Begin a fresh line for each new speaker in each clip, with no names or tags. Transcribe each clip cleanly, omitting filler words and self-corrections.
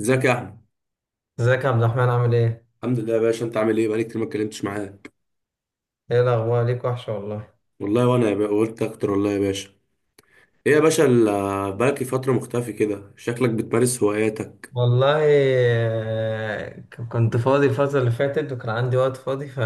ازيك يا احمد؟
ازيك يا عبد الرحمن عامل ايه؟
الحمد لله يا باشا، انت عامل ايه؟ بقالي كتير ما اتكلمتش معاك.
ايه الأخبار ليك وحشة والله.
والله وانا يا باشا قلت اكتر والله يا باشا. ايه يا باشا، بقالك فتره مختفي كده، شكلك بتمارس هواياتك؟
والله كنت فاضي الفترة اللي فاتت وكان عندي وقت فاضي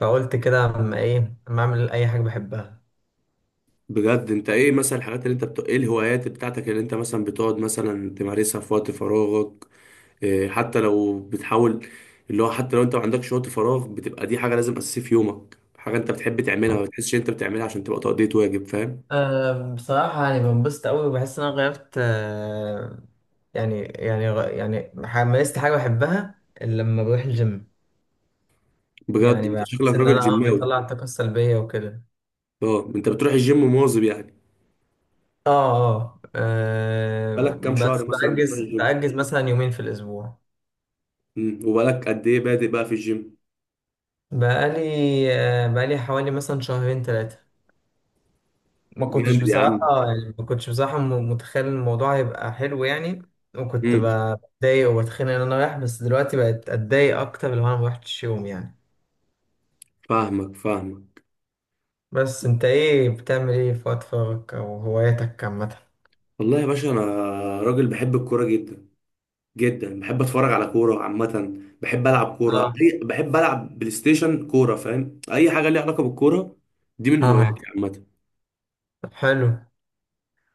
فقلت كده اما ايه اما اعمل أي حاجة بحبها.
بجد، انت ايه مثلا الحاجات اللي انت ايه الهوايات بتاعتك اللي انت مثلا بتقعد مثلا تمارسها في وقت فراغك؟ إيه، حتى لو بتحاول، اللي هو حتى لو انت ما عندكش وقت فراغ، بتبقى دي حاجه لازم اساسيه في يومك، حاجه انت بتحب تعملها ما بتحسش انت بتعملها عشان تبقى تقضية واجب، فاهم؟
أه بصراحة يعني بنبسط أوي وبحس إن أنا غيرت يعني مارست حاجة بحبها إلا لما بروح الجيم.
بجد،
يعني
انت شكلك
بحس إن
راجل
أنا
جيماوي.
بيطلع الطاقة السلبية وكده.
اه، انت بتروح الجيم مواظب يعني؟
اه. اه.
بقالك كام شهر
بس
مثلا بتروح
بأجز
الجيم؟
بأجز مثلا يومين في الأسبوع.
وبقالك قد ايه بادئ بقى في الجيم؟
بقالي بقالي حوالي مثلا شهرين ثلاثة. ما كنتش
جامد يا
بصراحة
عم.
يعني ما كنتش بصراحة متخيل الموضوع هيبقى حلو يعني. وكنت
امم
بتضايق وبتخانق ان انا رايح، بس دلوقتي بقت اتضايق اكتر لو انا ما رحتش يوم يعني.
فاهمك فاهمك.
بس انت ايه بتعمل ايه في وقت فراغك او هواياتك عامة؟
والله يا باشا، انا راجل بحب الكوره جدا جدا. بحب اتفرج على كوره عامه، بحب العب كوره
اه.
بحب العب بلاي ستيشن كوره، فاهم؟ اي حاجه ليها علاقه بالكوره، دي من
ها.
هواياتي عامه.
طب حلو.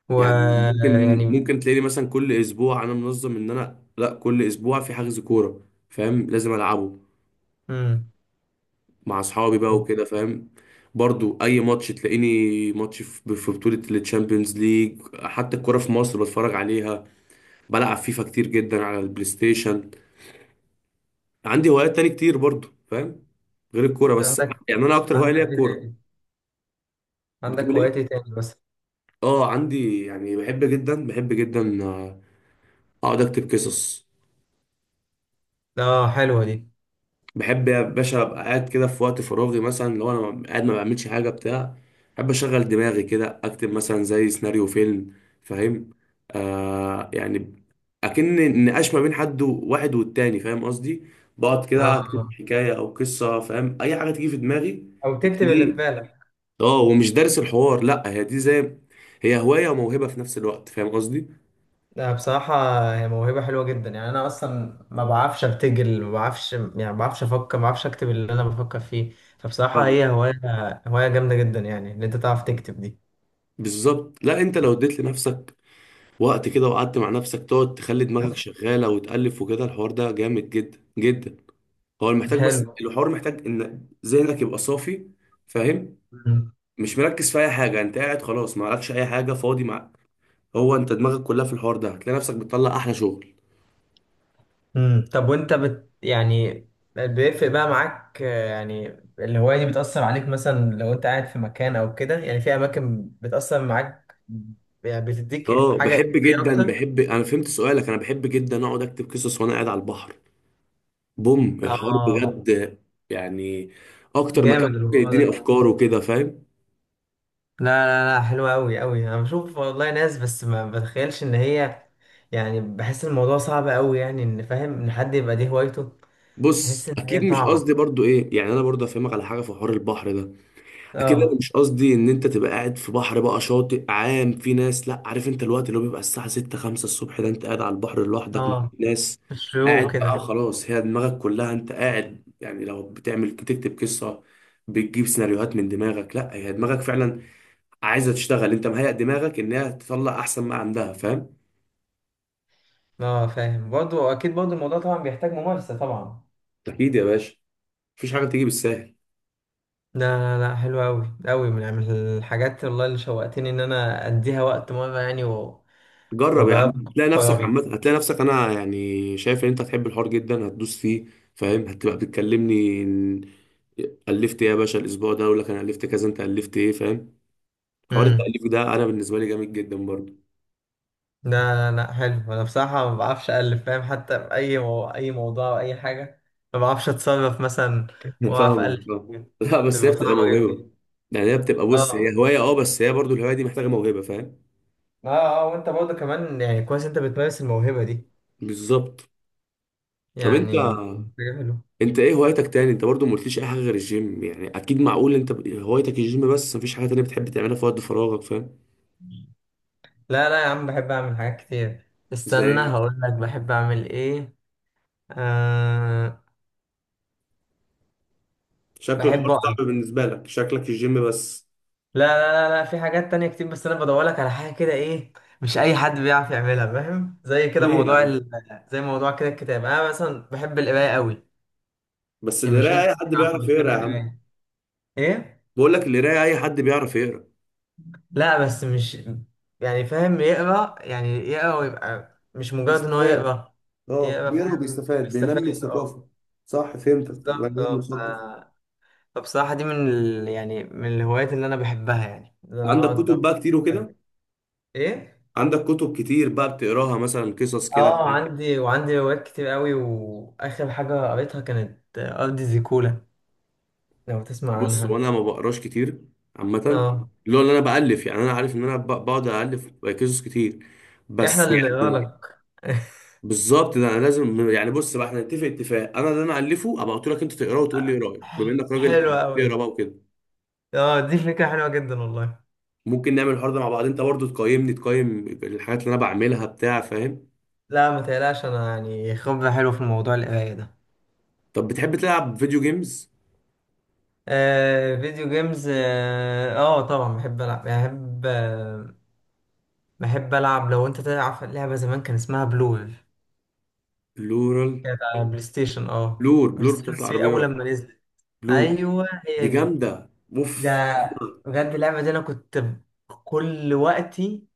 و،
يعني ممكن
يعني،
ممكن تلاقيني مثلا كل اسبوع، انا منظم ان انا لا، كل اسبوع في حجز كوره، فاهم؟ لازم العبه
امم.
مع اصحابي بقى وكده، فاهم؟ برضو اي ماتش تلاقيني، ماتش في بطولة التشامبيونز ليج، حتى الكرة في مصر بتفرج عليها. بلعب فيفا كتير جدا على البلاي ستيشن. عندي هوايات تاني كتير برضو، فاهم؟ غير الكورة بس.
عندك،
يعني انا اكتر هواية
عندك
ليا
ايه
الكورة.
تاني؟ عندك
بتقول ايه؟
هوايات ايه تاني بس؟
اه عندي، يعني بحب جدا، بحب جدا، اقعد اكتب قصص.
اه حلوة دي.
بحب يا باشا ابقى قاعد كده في وقت فراغي، مثلا لو انا قاعد ما بعملش حاجه بتاع، بحب اشغل دماغي كده، اكتب مثلا زي سيناريو فيلم، فاهم؟ يعني اكن نقاش ما بين حد واحد والتاني، فاهم قصدي؟ بقعد كده
اه
اكتب
آه.
حكايه او قصه، فاهم؟ اي حاجه تيجي في دماغي
او تكتب اللي في
بتلاقيه.
بالك.
اه، ومش دارس الحوار لا، هي دي زي، هي هوايه وموهبه في نفس الوقت، فاهم قصدي؟
لا بصراحة هي موهبة حلوة جدا، يعني أنا أصلا ما بعرفش أبتجل، ما بعرفش يعني ما بعرفش أفكر، ما بعرفش أكتب اللي أنا بفكر فيه. فبصراحة
فاهم.
هي هواية جامدة جدا يعني إن أنت تعرف تكتب دي.
بالظبط، لا، انت لو اديت لنفسك وقت كده وقعدت مع نفسك، تقعد تخلي دماغك شغالة وتألف وكده، الحوار ده جامد جدا جدا. هو المحتاج، بس
حلو.
الحوار محتاج ان ذهنك يبقى صافي، فاهم؟
مم.
مش مركز في اي حاجة، انت قاعد خلاص ما عليكش اي حاجة، فاضي معاك، هو انت دماغك كلها في الحوار ده، هتلاقي نفسك بتطلع احلى شغل.
مم. طب وأنت يعني بيفرق بقى معاك، يعني الهواية دي بتأثر عليك مثلا لو أنت قاعد في مكان أو كده، يعني في أماكن بتأثر معاك. يعني بتديك
اه
حاجة
بحب
إيجابية
جدا،
أكتر.
بحب، انا فهمت سؤالك، انا بحب جدا اقعد اكتب قصص وانا قاعد على البحر. بوم الحوار
آه.
بجد. يعني اكتر مكان
جامد
ممكن
الموضوع
يديني
ده.
افكار وكده، فاهم؟
لا، حلوة أوي أوي، أنا بشوف والله ناس بس ما بتخيلش إن هي، يعني بحس الموضوع صعب أوي يعني، إن فاهم إن حد يبقى دي هوايته.
بص،
تحس إن
اكيد
هي
مش قصدي
صعبة.
برضو ايه، يعني انا برضو افهمك على حاجه في حوار البحر ده. اكيد انا
اه.
مش قصدي ان انت تبقى قاعد في بحر بقى شاطئ عام في ناس، لا، عارف انت الوقت اللي هو بيبقى الساعه 6 5 الصبح ده، انت قاعد على البحر لوحدك مفيش
اه.
ناس.
الشيوخ
قاعد بقى
كده.
خلاص، هي دماغك كلها، انت قاعد يعني لو بتعمل، بتكتب قصه بتجيب سيناريوهات من دماغك، لا، هي دماغك فعلا عايزه تشتغل، انت مهيئ دماغك انها تطلع احسن ما عندها، فاهم؟
اه فاهم برضه، أكيد برضه الموضوع طبعا بيحتاج ممارسة طبعا.
اكيد يا باشا، مفيش حاجه تيجي بالسهل.
لا، حلوة أوي أوي، من الحاجات والله اللي شوقتني إن أنا أديها وقت مرة يعني
جرب يا
وأجربها
عم،
في
هتلاقي نفسك
فراغي.
عامة، هتلاقي نفسك، انا يعني شايف ان انت هتحب الحوار جدا، هتدوس فيه، فاهم؟ هتبقى بتكلمني إن الفت ايه يا باشا الاسبوع ده، اقول لك انا الفت كذا، انت الفت ايه، فاهم؟ حوار
مم.
التاليف ده انا بالنسبه لي جامد جدا برضه.
لا لا، حلو. انا بصراحه ما بعرفش الف فاهم، حتى في اي موضوع او اي حاجه. ما بعرفش اتصرف مثلا،
فاهم.
واعرف الف
فاهم.
حاجه.
لا، بس هي
تبقى
بتبقى
صعبه جدا.
موهبه. يعني هي بتبقى، بص،
اه.
هي هوايه اه، بس هي برضه الهوايه دي محتاجه موهبه، فاهم؟
اه. اه وانت برضه كمان يعني كويس انت بتمارس الموهبه دي.
بالظبط. طب انت
يعني حاجه حلوه.
انت ايه هوايتك تاني؟ انت برضه ما قلتليش اي حاجه غير الجيم، يعني اكيد معقول انت هوايتك الجيم بس، مفيش حاجه تانيه بتحب تعملها في وقت فراغك، فاهم؟
لا لا يا عم، بحب اعمل حاجات كتير، استنى
زي،
هقول لك بحب اعمل ايه. آه...
شكل الحوار
بحب اقرا.
صعب بالنسبة لك، شكلك الجيم بس.
لا، في حاجات تانية كتير، بس انا بدورلك على حاجة كده ايه؟ مش اي حد بيعرف يعملها فاهم. زي كده
ليه يا عم؟
زي موضوع كده الكتاب. انا مثلا بحب القراية قوي.
بس
يعني مش
القراية
ناس
أي
كتير
حد بيعرف
عارفة
يقرا
بتحب
يا عم.
القراية. ايه؟
بقول لك القراية أي حد بيعرف يقرا.
لا بس مش، يعني فاهم يقرا يعني يقرا ويبقى مش مجرد ان هو
بيستفاد؟
يقرا.
اه
يقرا
بيقرا
فاهم
وبيستفاد،
بيستفاد،
بينمي
اه.
الثقافة. صح، فهمتك،
بالظبط
بني آدم
اه.
مثقف.
فبصراحة دي من يعني من الهوايات اللي انا بحبها، يعني ان انا
عندك
اقعد
كتب بقى كتير
أقرأ.
وكده؟
ايه؟
عندك كتب كتير بقى بتقراها مثلا، قصص كده
اه
بتاع؟
عندي، وعندي روايات كتير قوي، واخر حاجه قريتها كانت ارض زيكولا، لو تسمع
بص
عنها.
وانا ما بقراش كتير عامة،
اه.
اللي هو اللي انا بألف، يعني انا عارف ان انا بقعد ألف قصص كتير،
احنا
بس
اللي نقرا
يعني
لك.
بالظبط، ده انا لازم يعني، بص بقى، احنا نتفق اتفاق، انا اللي انا الفه ابقى قلت لك انت تقراه وتقول لي ايه رايك، بما انك
حلوه
راجل بتقرا
قوي.
بقى وكده.
اه دي فكره حلوه جدا والله.
ممكن نعمل الحوار ده مع بعض، انت برضو تقيمني، تقيم الحاجات اللي انا بعملها بتاع، فاهم؟
لا ما تقلقش، انا يعني خبره حلوه في الموضوع القرايه ده.
طب بتحب تلعب فيديو جيمز؟
آه فيديو جيمز، اه، طبعا بحب العب يعني، بحب آه، بحب العب. لو انت تعرف لعبه زمان كان اسمها بلور،
بلورال،
كانت على بلاي ستيشن، اه
بلور
بلاي
بلور
ستيشن
بتاعت
3 اول
العربيات؟
لما نزلت.
بلور
ايوه
دي
هي دي.
جامده، اوف.
ده بجد اللعبة دي أنا كل وقتي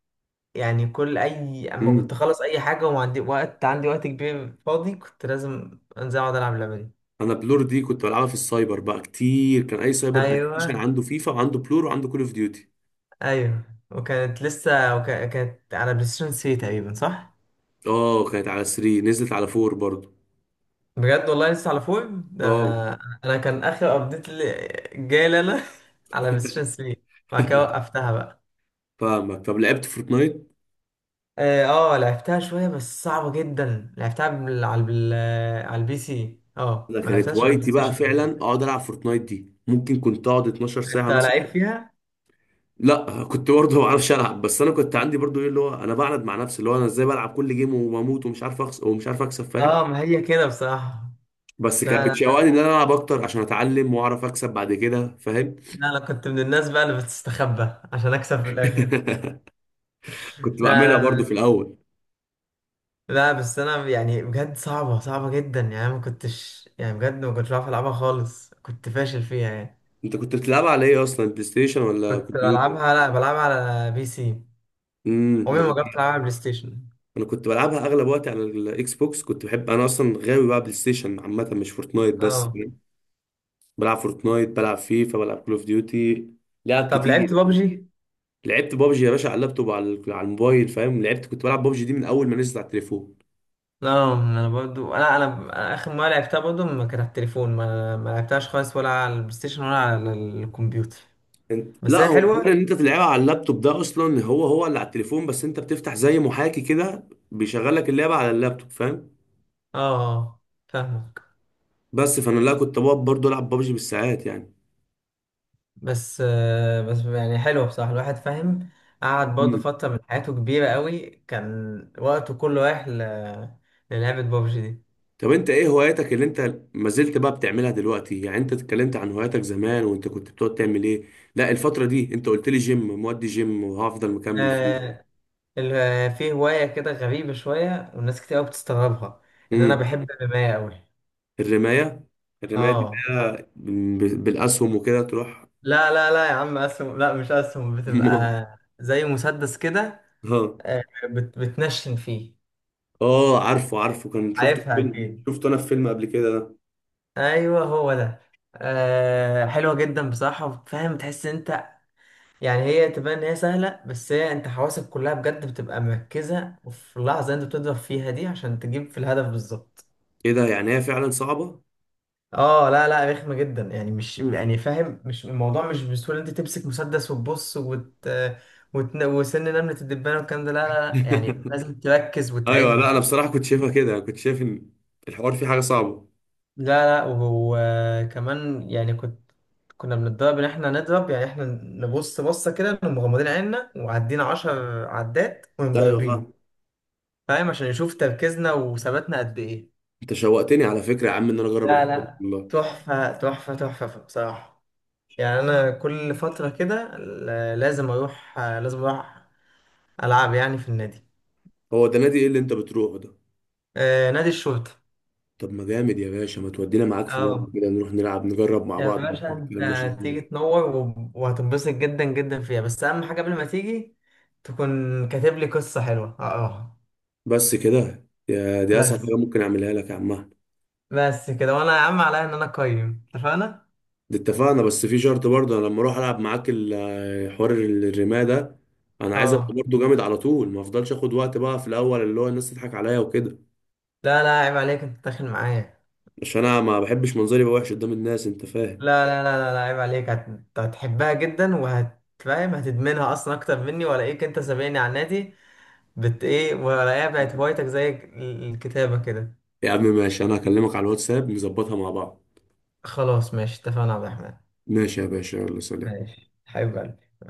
يعني، كل أي أما كنت
امم
أخلص أي حاجة وما عندي وقت، عندي وقت كبير فاضي كنت لازم أنزل أقعد ألعب اللعبة دي.
انا بلور دي كنت بلعبها في السايبر بقى كتير، كان اي سايبر بلاي ستيشن
أيوه.
عنده فيفا وعنده بلور وعنده كول اوف ديوتي.
أيوه. وكانت على بلاي ستيشن 3 تقريبا، صح؟
اه كانت على 3، نزلت على 4 برضو.
بجد والله لسه على فوق ده.
اه
أنا كان آخر أبديت اللي جاي لنا على بلاي ستيشن 3، بعد كده وقفتها بقى.
فاهمك. طب لعبت فورتنايت؟
اه، لعبتها شوية بس صعبة جدا، لعبتها على البي سي، اه
ده
ما
كانت
لعبتهاش على البلاي
هوايتي بقى
ستيشن قبل كده.
فعلا، اقعد العب فورتنايت دي، ممكن كنت اقعد 12 ساعه
انت
مثلا.
لعيب فيها؟
لا كنت برضه ما بعرفش العب، بس انا كنت عندي برضه ايه، اللي هو انا بعند مع نفسي، اللي هو انا ازاي بلعب كل جيم وبموت ومش عارف اخسر ومش عارف اكسب، فاهم؟
اه ما هي كده بصراحة.
بس كانت
لا
بتشوقني
لا
ان انا العب اكتر عشان اتعلم واعرف اكسب بعد كده، فاهم؟
لا، انا كنت من الناس بقى اللي بتستخبى عشان اكسب في الاخر. لا
كنت بعملها
لا
برضه في
لا
الاول.
لا، بس انا يعني بجد صعبة صعبة جدا، يعني أنا ما كنتش يعني بجد ما كنتش بعرف العبها خالص، كنت فاشل فيها يعني.
انت كنت بتلعبها على ايه اصلا، بلاي ستيشن ولا
كنت
كمبيوتر؟
بلعبها لا بلعبها على بي سي.
امم
عمري ما
مغ-
جربت العبها على بلاي ستيشن.
انا كنت بلعبها اغلب وقتي على الاكس بوكس، كنت بحب، انا اصلا غاوي بقى بلاي ستيشن عامه، مش فورتنايت بس.
اه.
بلعب فورتنايت، بلعب فيفا، بلعب كول اوف ديوتي، لعب
طب لعبت
كتير.
بابجي؟
لعبت بابجي يا باشا، على اللابتوب، على الموبايل، فاهم؟ لعبت، كنت بلعب بابجي دي من اول ما نزلت على التليفون.
لا انا برضو انا انا أنا اخر مره لعبتها برضو ما كانت على التليفون، ما لعبتهاش خالص ولا على البلاي ستيشن ولا على الكمبيوتر.
انت
بس
لا،
هي
هو حوار
حلوه.
ان انت تلعبها على اللابتوب ده اصلا، هو هو اللي على التليفون بس انت بتفتح زي محاكي كده بيشغل لك اللعبه على اللابتوب، فاهم؟
اه. آه، فاهمك.
بس فانا لا، كنت بقعد برضه العب بابجي بالساعات يعني.
بس يعني حلوه بصراحه، الواحد فاهم قعد برضو
مم.
فتره من حياته كبيره قوي، كان وقته كله رايح للعبه بابجي دي.
طب انت ايه هواياتك اللي انت ما زلت بقى بتعملها دلوقتي؟ يعني انت اتكلمت عن هواياتك زمان وانت كنت بتقعد تعمل ايه، لا الفتره دي انت قلت لي جيم، مودي جيم وهفضل مكمل فيه.
آه، في هوايه كده غريبه شويه والناس كتير قوي بتستغربها. ان انا
امم
بحب الرمايه قوي.
الرماية. الرماية دي
اه.
بقى، بالأسهم وكده تروح؟
لا لا لا يا عم، اسهم لا، مش اسهم، بتبقى زي مسدس كده.
اه.
آه، بتنشن فيه.
اه عارفه عارفه، كان شفته في
عارفها
فيلم،
اكيد.
شفته انا في فيلم قبل كده ده.
ايوه هو ده. حلوه جدا بصراحه، فاهم تحس انت يعني هي تبان ان هي سهله، بس هي انت حواسك كلها بجد بتبقى مركزه في اللحظه اللي انت بتضرب فيها دي عشان تجيب في الهدف بالظبط.
ايه ده، يعني هي فعلا صعبة؟
اه. لا لا، رخمة جدا يعني، مش يعني فاهم مش الموضوع مش بسهولة انت تمسك مسدس وتبص وسن نملة الدبانة والكلام ده، لا، يعني لازم تركز
ايوه، لا انا
وتعد.
بصراحة كنت شايفها كده، كنت شايف ان الحوار فيه حاجة صعبة.
لا لا، وكمان يعني كنا بنتدرب ان احنا نضرب، يعني احنا نبص بصة كده نقوم مغمضين عيننا وعدين عشر عدات
ايوه فاهم.
ومضربين. فاهم عشان يشوف تركيزنا وثباتنا قد ايه.
انت شوقتني على فكرة يا عم ان انا اجرب
لا
الحوار ده
لا،
والله.
تحفة بصراحة. يعني انا كل فتره كده لازم اروح العب يعني في النادي.
هو ده نادي ايه اللي انت بتروحه ده؟
آه نادي الشرطه.
طب ما جامد يا باشا، ما تودينا معاك في مرة
اه
كده، نروح نلعب نجرب مع
يا
بعض،
باشا
نشوف
انت
الكلام ماشي ازاي.
هتيجي تنور وهتنبسط جدا جدا فيها، بس اهم حاجه قبل ما تيجي تكون كاتب لي قصه حلوه اقراها.
بس كده يا، دي اسهل
بس
حاجة ممكن اعملها لك يا عم أحمد.
بس كده، وانا يا عم عليا ان انا اقيم، اتفقنا.
ده اتفقنا، بس في شرط برضه، انا لما اروح العب معاك حوار الرماية ده، انا عايز ابقى
اه
برضه جامد على طول، ما افضلش اخد وقت بقى في الاول، اللي هو الناس تضحك عليا وكده.
لا لا عيب عليك، انت داخل معايا.
عشان انا ما بحبش منظري يبقى وحش قدام الناس، انت فاهم؟
لا لا لا لا لا، عيب عليك، هتحبها جدا وهتفهم هتدمنها اصلا اكتر مني، ولا ايه انت سابقني على النادي، بت ايه ولا ايه بقت هوايتك زي الكتابة كده؟
يا عم ماشي، انا هكلمك على الواتساب نظبطها مع بعض.
خلاص ماشي، اتفقنا يا عبد الرحمن.
ماشي يا باشا، يلا سلام.
ماشي حبيب قلبي.